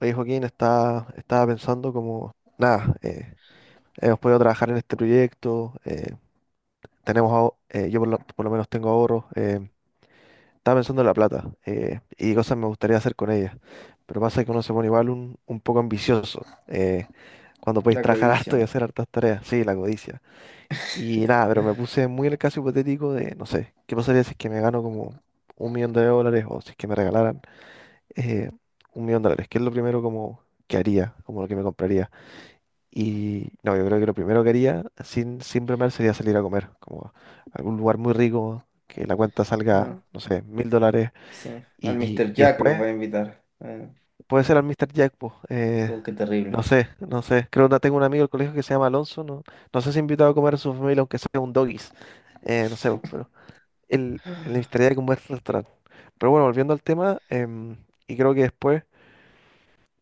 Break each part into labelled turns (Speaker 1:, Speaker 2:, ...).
Speaker 1: Oye, Joaquín, está estaba pensando como, nada, hemos podido trabajar en este proyecto, yo por lo menos tengo ahorros, estaba pensando en la plata, y cosas me gustaría hacer con ella, pero pasa que uno se pone igual un poco ambicioso, cuando podéis
Speaker 2: La
Speaker 1: trabajar harto y
Speaker 2: codicia.
Speaker 1: hacer hartas tareas. Sí, la codicia. Y nada, pero me puse muy en el caso hipotético de, no sé, ¿qué pasaría si es que me gano como 1 millón de dólares o si es que me regalaran, eh, 1 millón de dólares? ¿Qué es lo primero como que haría, como lo que me compraría? Y no, yo creo que lo primero que haría, sin bromear, sería salir a comer, como a algún lugar muy rico, que la cuenta salga,
Speaker 2: Ah,
Speaker 1: no sé, 1000 dólares.
Speaker 2: sí. Al
Speaker 1: Y,
Speaker 2: Mr.
Speaker 1: y
Speaker 2: Jack los va
Speaker 1: después
Speaker 2: a invitar. Ah,
Speaker 1: puede ser al Mr. Jack, po.
Speaker 2: como que
Speaker 1: No
Speaker 2: terrible.
Speaker 1: sé, no sé. Creo que tengo un amigo del colegio que se llama Alonso. No, no sé si invitado a comer a su familia, aunque sea un doggies. No sé, po, pero el Mr. Jack es un buen restaurante. Pero bueno, volviendo al tema, y creo que después.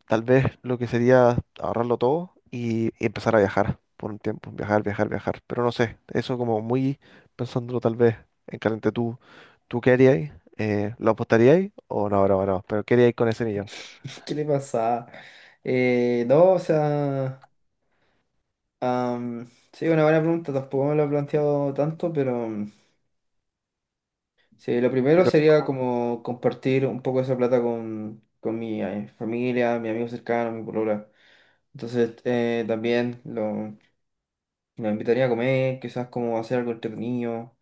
Speaker 1: Tal vez lo que sería ahorrarlo todo y empezar a viajar por un tiempo. Viajar, viajar, viajar. Pero no sé, eso como muy pensándolo tal vez en caliente. ¿Tú qué haríais? ¿Lo apostaríais? O no, no, no. Pero ¿qué haríais con ese millón?
Speaker 2: ¿Qué le pasa? No, o sea, sí, una buena pregunta, tampoco me lo he planteado tanto, pero mm, sí, lo primero
Speaker 1: Pero es
Speaker 2: sería
Speaker 1: como-
Speaker 2: como compartir un poco esa plata con, con mi familia, mi amigo cercano, mi polola. Entonces, también lo invitaría a comer, quizás como hacer algo entretenido.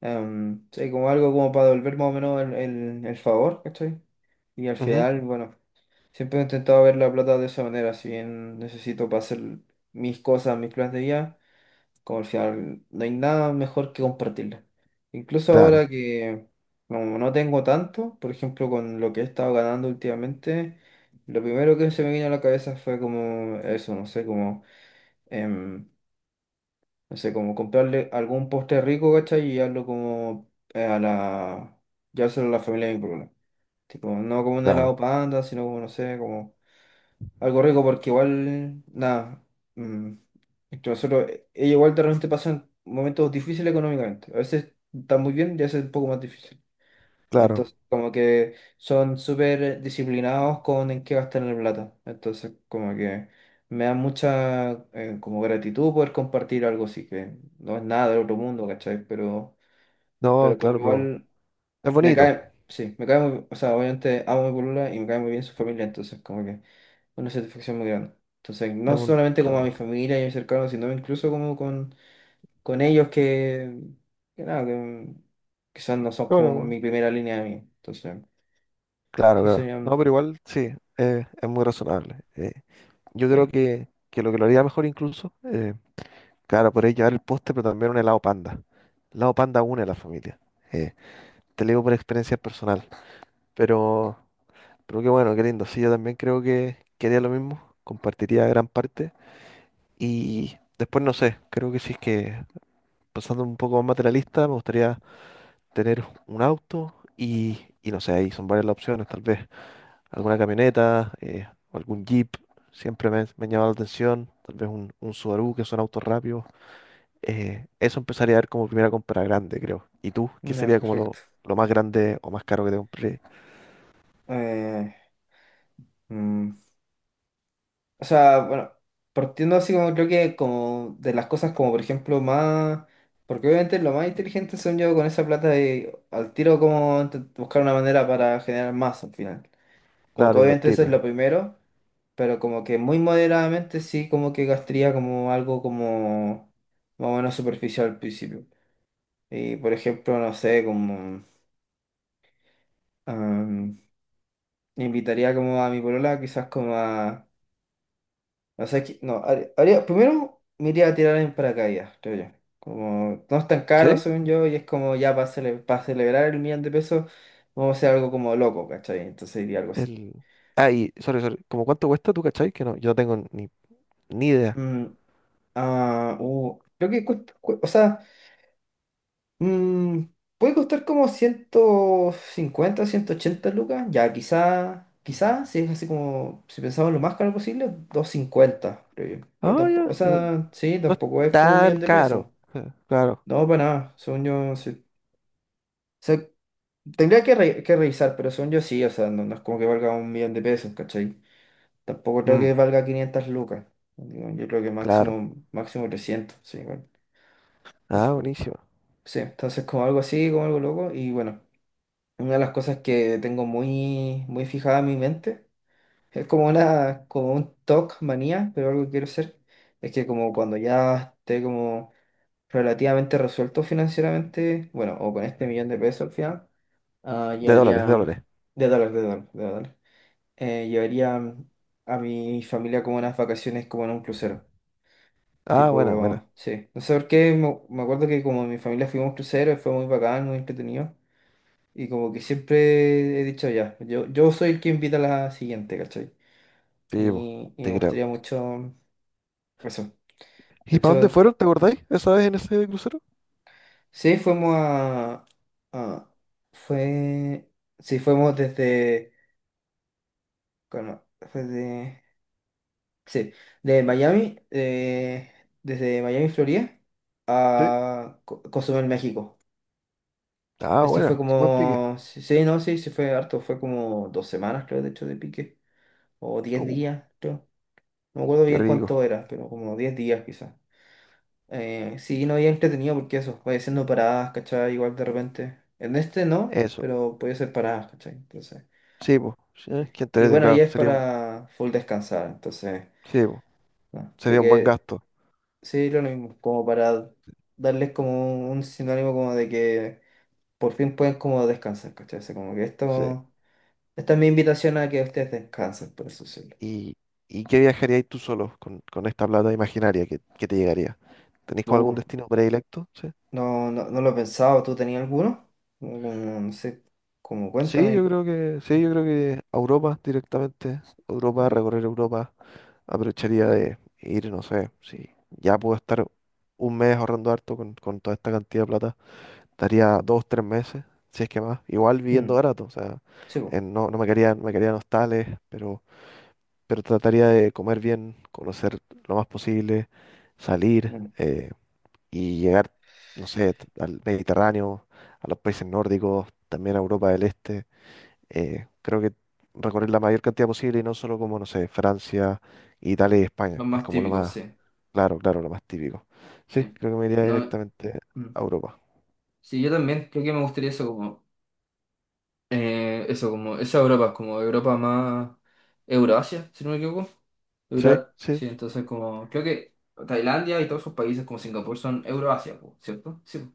Speaker 2: Sí, como algo como para devolver más o menos el favor, ¿cachai? Y al
Speaker 1: Ujú.
Speaker 2: final, bueno, siempre he intentado ver la plata de esa manera, si bien necesito para hacer mis cosas, mis planes de vida, como al final no hay nada mejor que compartirla. Incluso
Speaker 1: Claro,
Speaker 2: ahora que como no tengo tanto, por ejemplo, con lo que he estado ganando últimamente, lo primero que se me vino a la cabeza fue como eso, no sé, como em, no sé, como comprarle algún postre rico, ¿cachai? Y darlo como a la... Llevárselo a la familia de mi problema. Tipo, no como un helado
Speaker 1: claro,
Speaker 2: panda, sino como, no sé, como algo rico, porque igual, nada. mm, Entre nosotros, ella igual de repente pasan momentos difíciles económicamente. A veces está muy bien y a veces un poco más difícil.
Speaker 1: claro.
Speaker 2: Entonces, como que son súper disciplinados con en qué gastar la plata. Entonces, como que me da mucha como gratitud poder compartir algo así, que no es nada del otro mundo, ¿cachai? Pero,
Speaker 1: No,
Speaker 2: pero como
Speaker 1: claro,
Speaker 2: que
Speaker 1: pero
Speaker 2: igual
Speaker 1: es
Speaker 2: me
Speaker 1: bonito.
Speaker 2: cae, sí, me cae muy, o sea, obviamente amo a mi polola y me cae muy bien su familia, entonces como que una satisfacción muy grande. Entonces, no solamente como a mi
Speaker 1: Claro.
Speaker 2: familia y a mis cercanos, sino incluso como con ellos que nada, que quizás no son como
Speaker 1: Bueno, bueno.
Speaker 2: mi primera línea de mí. Entonces...
Speaker 1: Claro,
Speaker 2: Eso
Speaker 1: claro.
Speaker 2: sería
Speaker 1: No,
Speaker 2: un-
Speaker 1: pero igual sí, es muy razonable. Yo creo
Speaker 2: Sí,
Speaker 1: que lo que lo haría mejor incluso. Claro, podéis llevar el postre, pero también un helado panda. El helado panda une a la familia. Eh, Te lo digo por experiencia personal. Pero, pero qué bueno, qué lindo. Sí, yo también creo que haría lo mismo. Compartiría gran parte. Y después, no sé, creo que sí es que, pasando un poco más materialista, me gustaría tener un auto y no sé, ahí son varias las opciones. Tal vez alguna camioneta, o algún jeep. Siempre me ha llamado la atención. Tal vez un Subaru, que son autos rápidos. Eso empezaría a ver como primera compra grande, creo. ¿Y tú? ¿Qué
Speaker 2: ya,
Speaker 1: sería como
Speaker 2: perfecto.
Speaker 1: lo más grande o más caro que te compré?
Speaker 2: Eh, mm, o sea, bueno, partiendo así como creo que como de las cosas como por ejemplo más... Porque obviamente lo más inteligente son yo con esa plata de al tiro como buscar una manera para generar más al final. Como que
Speaker 1: Claro,
Speaker 2: obviamente eso es
Speaker 1: invertirla.
Speaker 2: lo primero, pero como que muy moderadamente sí como que gastaría como algo como más o menos superficial al principio. Y por ejemplo, no sé, como... am, invitaría como a mi polola quizás como a O sea, que, no, primero me iría a tirar en paracaídas, creo yo. Como no es tan caro,
Speaker 1: ¿Sí?
Speaker 2: según yo, y es como ya para celebrar el millón de pesos, vamos a hacer algo como loco, ¿cachai? Entonces iría algo así.
Speaker 1: El... Ah, sorry, sorry. ¿Cómo cuánto cuesta, tú, cachai? Que no, yo no tengo ni idea.
Speaker 2: Mm, Creo que cuesta, o sea, mm, puede costar como 150 180 lucas, ya quizá, quizá, si es así como, si pensamos lo más caro posible, 250 creo yo. Pero
Speaker 1: Ah,
Speaker 2: tampoco, o
Speaker 1: ya.
Speaker 2: sea, sí,
Speaker 1: No es
Speaker 2: tampoco es como un
Speaker 1: tan
Speaker 2: millón de pesos.
Speaker 1: caro. Claro.
Speaker 2: No, para nada, según yo, sí. O sea, tendría que, que revisar, pero son yo sí, o sea, no es como que valga un millón de pesos, ¿cachai? Tampoco creo
Speaker 1: Mm,
Speaker 2: que valga 500 lucas. Digo, yo creo que
Speaker 1: claro.
Speaker 2: máximo, máximo 300 sí, bueno, eso.
Speaker 1: Ah, buenísimo.
Speaker 2: Sí, entonces como algo así, como algo loco, y bueno, una de las cosas que tengo muy, muy fijada en mi mente, es como una, como un TOC manía, pero algo que quiero hacer, es que como cuando ya esté como relativamente resuelto financieramente, bueno, o con este millón de pesos al final. Ah,
Speaker 1: De dólares, de
Speaker 2: llevaría,
Speaker 1: dólares.
Speaker 2: de dólar, de dólar, de dólar. Llevaría a mi familia como unas vacaciones como en un crucero.
Speaker 1: Ah, buena, buena.
Speaker 2: Tipo, sí. No sé por qué, me acuerdo que como mi familia fuimos a un crucero, y fue muy bacán, muy entretenido. Y como que siempre he dicho ya, yo soy el que invita a la siguiente, ¿cachai?
Speaker 1: Sí, po,
Speaker 2: Y
Speaker 1: te
Speaker 2: me
Speaker 1: creo.
Speaker 2: gustaría mucho eso. De
Speaker 1: ¿Y para dónde
Speaker 2: hecho,
Speaker 1: fueron? ¿Te acordáis? ¿Esa vez en ese crucero?
Speaker 2: sí, fuimos a- fue... Sí, fuimos desde... bueno, desde Sí, de Miami, desde Miami, Florida,
Speaker 1: Sí.
Speaker 2: a Cozumel, México.
Speaker 1: Ah,
Speaker 2: Esto fue
Speaker 1: buena. Buen pique.
Speaker 2: como, sí, sí, no, sí, sí fue harto, fue como 2 semanas, creo, de hecho, de pique, o diez
Speaker 1: Uh,
Speaker 2: días, creo. No me acuerdo
Speaker 1: qué
Speaker 2: bien
Speaker 1: rico.
Speaker 2: cuánto era, pero como 10 días quizás. Sí, no había entretenido porque eso, voy haciendo paradas, ¿cachai? Igual de repente. En este no,
Speaker 1: Eso.
Speaker 2: pero podía hacer paradas, ¿cachai? Entonces.
Speaker 1: Sí, pues,
Speaker 2: Y bueno, ahí
Speaker 1: claro,
Speaker 2: es
Speaker 1: sería un,
Speaker 2: para full descansar, entonces,
Speaker 1: sí, po,
Speaker 2: no, creo
Speaker 1: sería un buen
Speaker 2: que
Speaker 1: gasto.
Speaker 2: sí, lo mismo, como para darles como un sinónimo como de que por fin pueden como descansar, ¿cachai? O sea, como que
Speaker 1: Sí.
Speaker 2: esto, esta es mi invitación a que ustedes descansen, por eso decirlo.
Speaker 1: ¿Y, y qué viajaríais tú solo con esta plata imaginaria que te llegaría? ¿Tenéis como algún
Speaker 2: Uh,
Speaker 1: destino predilecto? Sí.
Speaker 2: no, no, no lo he pensado. ¿Tú tenías alguno? Como, no sé, como
Speaker 1: Sí, yo
Speaker 2: cuéntame.
Speaker 1: creo que, sí,
Speaker 2: Mm,
Speaker 1: yo creo que a Europa directamente. Europa, recorrer Europa, aprovecharía de ir, no sé, si ya puedo estar un mes ahorrando harto con toda esta cantidad de plata, estaría 2, 3 meses, si es que más, igual viviendo barato, o sea,
Speaker 2: sí, po,
Speaker 1: no, no me quedarían, me quedarían hostales, pero trataría de comer bien, conocer lo más posible, salir,
Speaker 2: mm.
Speaker 1: y llegar, no sé, al Mediterráneo, a los países nórdicos, también a Europa del Este. Creo que recorrer la mayor cantidad posible y no solo como, no sé, Francia, Italia y España,
Speaker 2: Los
Speaker 1: que es
Speaker 2: más
Speaker 1: como lo
Speaker 2: típicos,
Speaker 1: más,
Speaker 2: sí.
Speaker 1: claro, claro, lo más típico. Sí,
Speaker 2: Sí.
Speaker 1: creo que me iría
Speaker 2: No,
Speaker 1: directamente
Speaker 2: mm.
Speaker 1: a Europa.
Speaker 2: Sí, yo también creo que me gustaría eso, como, esa Europa, como Europa más Euroasia, si no me equivoco.
Speaker 1: Sí,
Speaker 2: Sí,
Speaker 1: sí.
Speaker 2: entonces como, creo que Tailandia y todos esos países como Singapur son Euroasia, po, ¿cierto? Sí, po.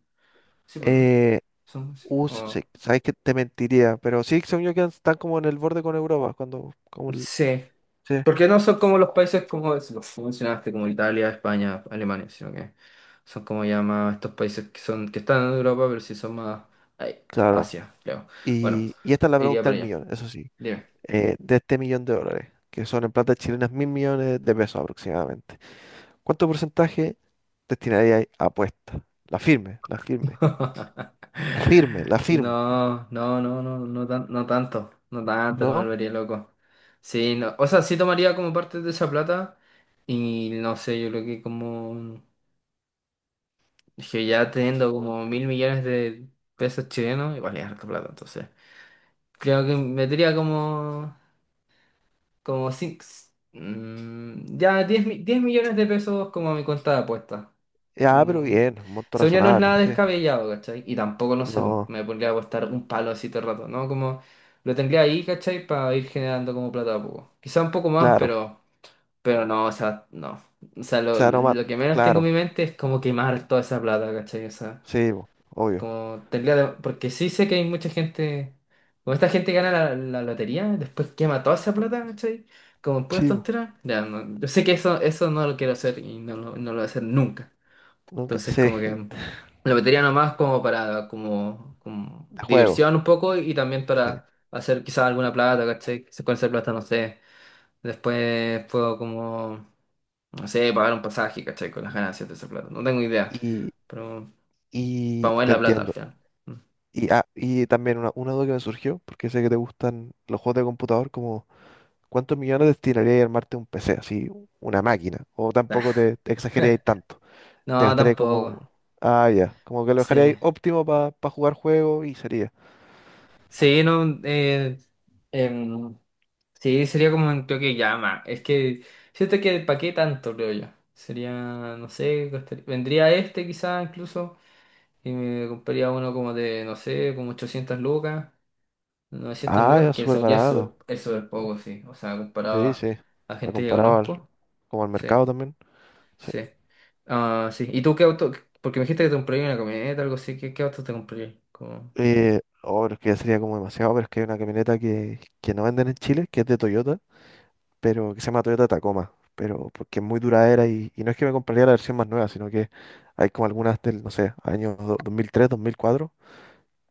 Speaker 2: Sí, pues, ¿no?
Speaker 1: Eh,
Speaker 2: Son, sí.
Speaker 1: sí, sí, sabes que te mentiría, pero sí, según yo quedan, están como en el borde con Europa, cuando,
Speaker 2: Sí.
Speaker 1: sí,
Speaker 2: Porque no son como los países como los que mencionaste, como Italia, España, Alemania, sino que son como ya más estos países que son, que están en Europa, pero sí son más ay,
Speaker 1: claro.
Speaker 2: Asia, creo. Bueno,
Speaker 1: Y esta es la
Speaker 2: iría
Speaker 1: pregunta
Speaker 2: para
Speaker 1: del
Speaker 2: allá.
Speaker 1: millón, eso sí,
Speaker 2: Dime.
Speaker 1: de este millón de dólares, que son en plata chilenas 1000 millones de pesos aproximadamente. ¿Cuánto porcentaje destinaría a apuestas? La firme, la firme, la firme, la firme,
Speaker 2: No, no, no, no, no, no tanto, no tanto, no me
Speaker 1: ¿no?
Speaker 2: volvería loco. Sí, no, o sea, sí tomaría como parte de esa plata y no sé, yo creo que como que ya teniendo como mil millones de pesos chilenos, igual es harta plata, entonces. Creo que metería como cinco, ya 10 millones de pesos como a mi cuenta de apuestas.
Speaker 1: Ya, pero
Speaker 2: Como...
Speaker 1: bien, un monto
Speaker 2: Según yo no es
Speaker 1: razonable,
Speaker 2: nada
Speaker 1: sí.
Speaker 2: descabellado, ¿cachai? Y tampoco, no sé, pues,
Speaker 1: No,
Speaker 2: me pondría a costar un palo así todo el rato, ¿no? Como lo tendría ahí, ¿cachai? Para ir generando como plata a poco. Quizá un poco más,
Speaker 1: claro,
Speaker 2: pero no, o sea, no. O sea,
Speaker 1: o
Speaker 2: lo,
Speaker 1: sea, no más,
Speaker 2: lo que menos tengo en
Speaker 1: claro,
Speaker 2: mi mente es como quemar toda esa plata, ¿cachai? O sea,
Speaker 1: sí, bo, obvio,
Speaker 2: como tendría... Porque sí sé que hay mucha gente... Como esta gente que gana la lotería, después quema toda esa plata, ¿cachai? Como en puras
Speaker 1: sí, bo,
Speaker 2: tonteras. Ya, no, yo sé que eso no lo quiero hacer y no lo voy a hacer nunca.
Speaker 1: nunca,
Speaker 2: Entonces,
Speaker 1: sí,
Speaker 2: como que lo metería nomás como para como
Speaker 1: de juego,
Speaker 2: diversión un poco y también
Speaker 1: sí.
Speaker 2: para hacer quizás alguna plata, ¿cachai? Si con esa plata, no sé. Después puedo como, no sé, pagar un pasaje, ¿cachai? Con las ganancias de esa plata. No tengo idea.
Speaker 1: Y,
Speaker 2: Pero
Speaker 1: y
Speaker 2: para mover
Speaker 1: te
Speaker 2: la plata al
Speaker 1: entiendo.
Speaker 2: final. Mm.
Speaker 1: Y también una duda que me surgió, porque sé que te gustan los juegos de computador como ¿cuántos millones destinarías a armarte un PC, así, una máquina? O tampoco te exagerarías tanto. Te
Speaker 2: No,
Speaker 1: gastarías como,
Speaker 2: tampoco.
Speaker 1: ah, ya, como que lo dejarías
Speaker 2: Sí.
Speaker 1: óptimo para jugar juegos y sería.
Speaker 2: Sí, no. Em, Sí, sería como un toque llama. Es que siento que para qué tanto, creo yo. Sería, no sé, vendría este quizás incluso y me compraría uno como de, no sé, como 800 lucas, 900
Speaker 1: Ah,
Speaker 2: lucas,
Speaker 1: ya,
Speaker 2: que
Speaker 1: súper
Speaker 2: son ya es
Speaker 1: barato.
Speaker 2: súper es súper poco, sí. O sea, comparado
Speaker 1: Sí,
Speaker 2: a
Speaker 1: sí.
Speaker 2: a
Speaker 1: A
Speaker 2: gente que
Speaker 1: comparado al,
Speaker 2: conozco.
Speaker 1: como al
Speaker 2: Sí,
Speaker 1: mercado también. Sí.
Speaker 2: sí. Ah, sí. ¿Y tú qué auto? Porque me dijiste que te compraría una camioneta, algo así. ¿Qué auto te compraría? Como...
Speaker 1: Oh, pero es que ya sería como demasiado, pero es que hay una camioneta que no venden en Chile, que es de Toyota, pero que se llama Toyota Tacoma. Pero porque es muy duradera y no es que me compraría la versión más nueva, sino que hay como algunas del, no sé, años 2003, 2004.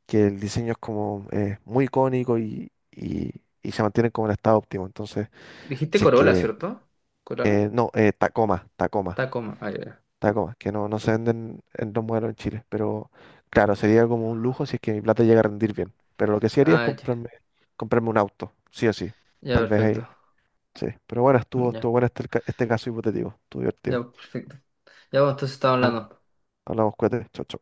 Speaker 1: Que el diseño es como, muy icónico y y se mantienen como en estado óptimo. Entonces,
Speaker 2: Dijiste
Speaker 1: si es
Speaker 2: Corolla,
Speaker 1: que,
Speaker 2: ¿cierto? ¿Corolla?
Speaker 1: no, Tacoma, Tacoma,
Speaker 2: Tacoma. Ah, ya. Ya.
Speaker 1: Tacoma, que no, no se venden en los modelos en Chile, pero claro, sería como un lujo si es que mi plata llega a rendir bien. Pero lo que sí haría es
Speaker 2: Ah, ya.
Speaker 1: comprarme un auto, sí o sí,
Speaker 2: Ya,
Speaker 1: tal vez ahí,
Speaker 2: perfecto.
Speaker 1: sí. Pero bueno, estuvo
Speaker 2: Ya.
Speaker 1: bueno este caso hipotético, estuvo divertido.
Speaker 2: Ya, perfecto. Ya, bueno, entonces estamos
Speaker 1: Ya, pues,
Speaker 2: hablando.
Speaker 1: hablamos, cuídate, chau chau.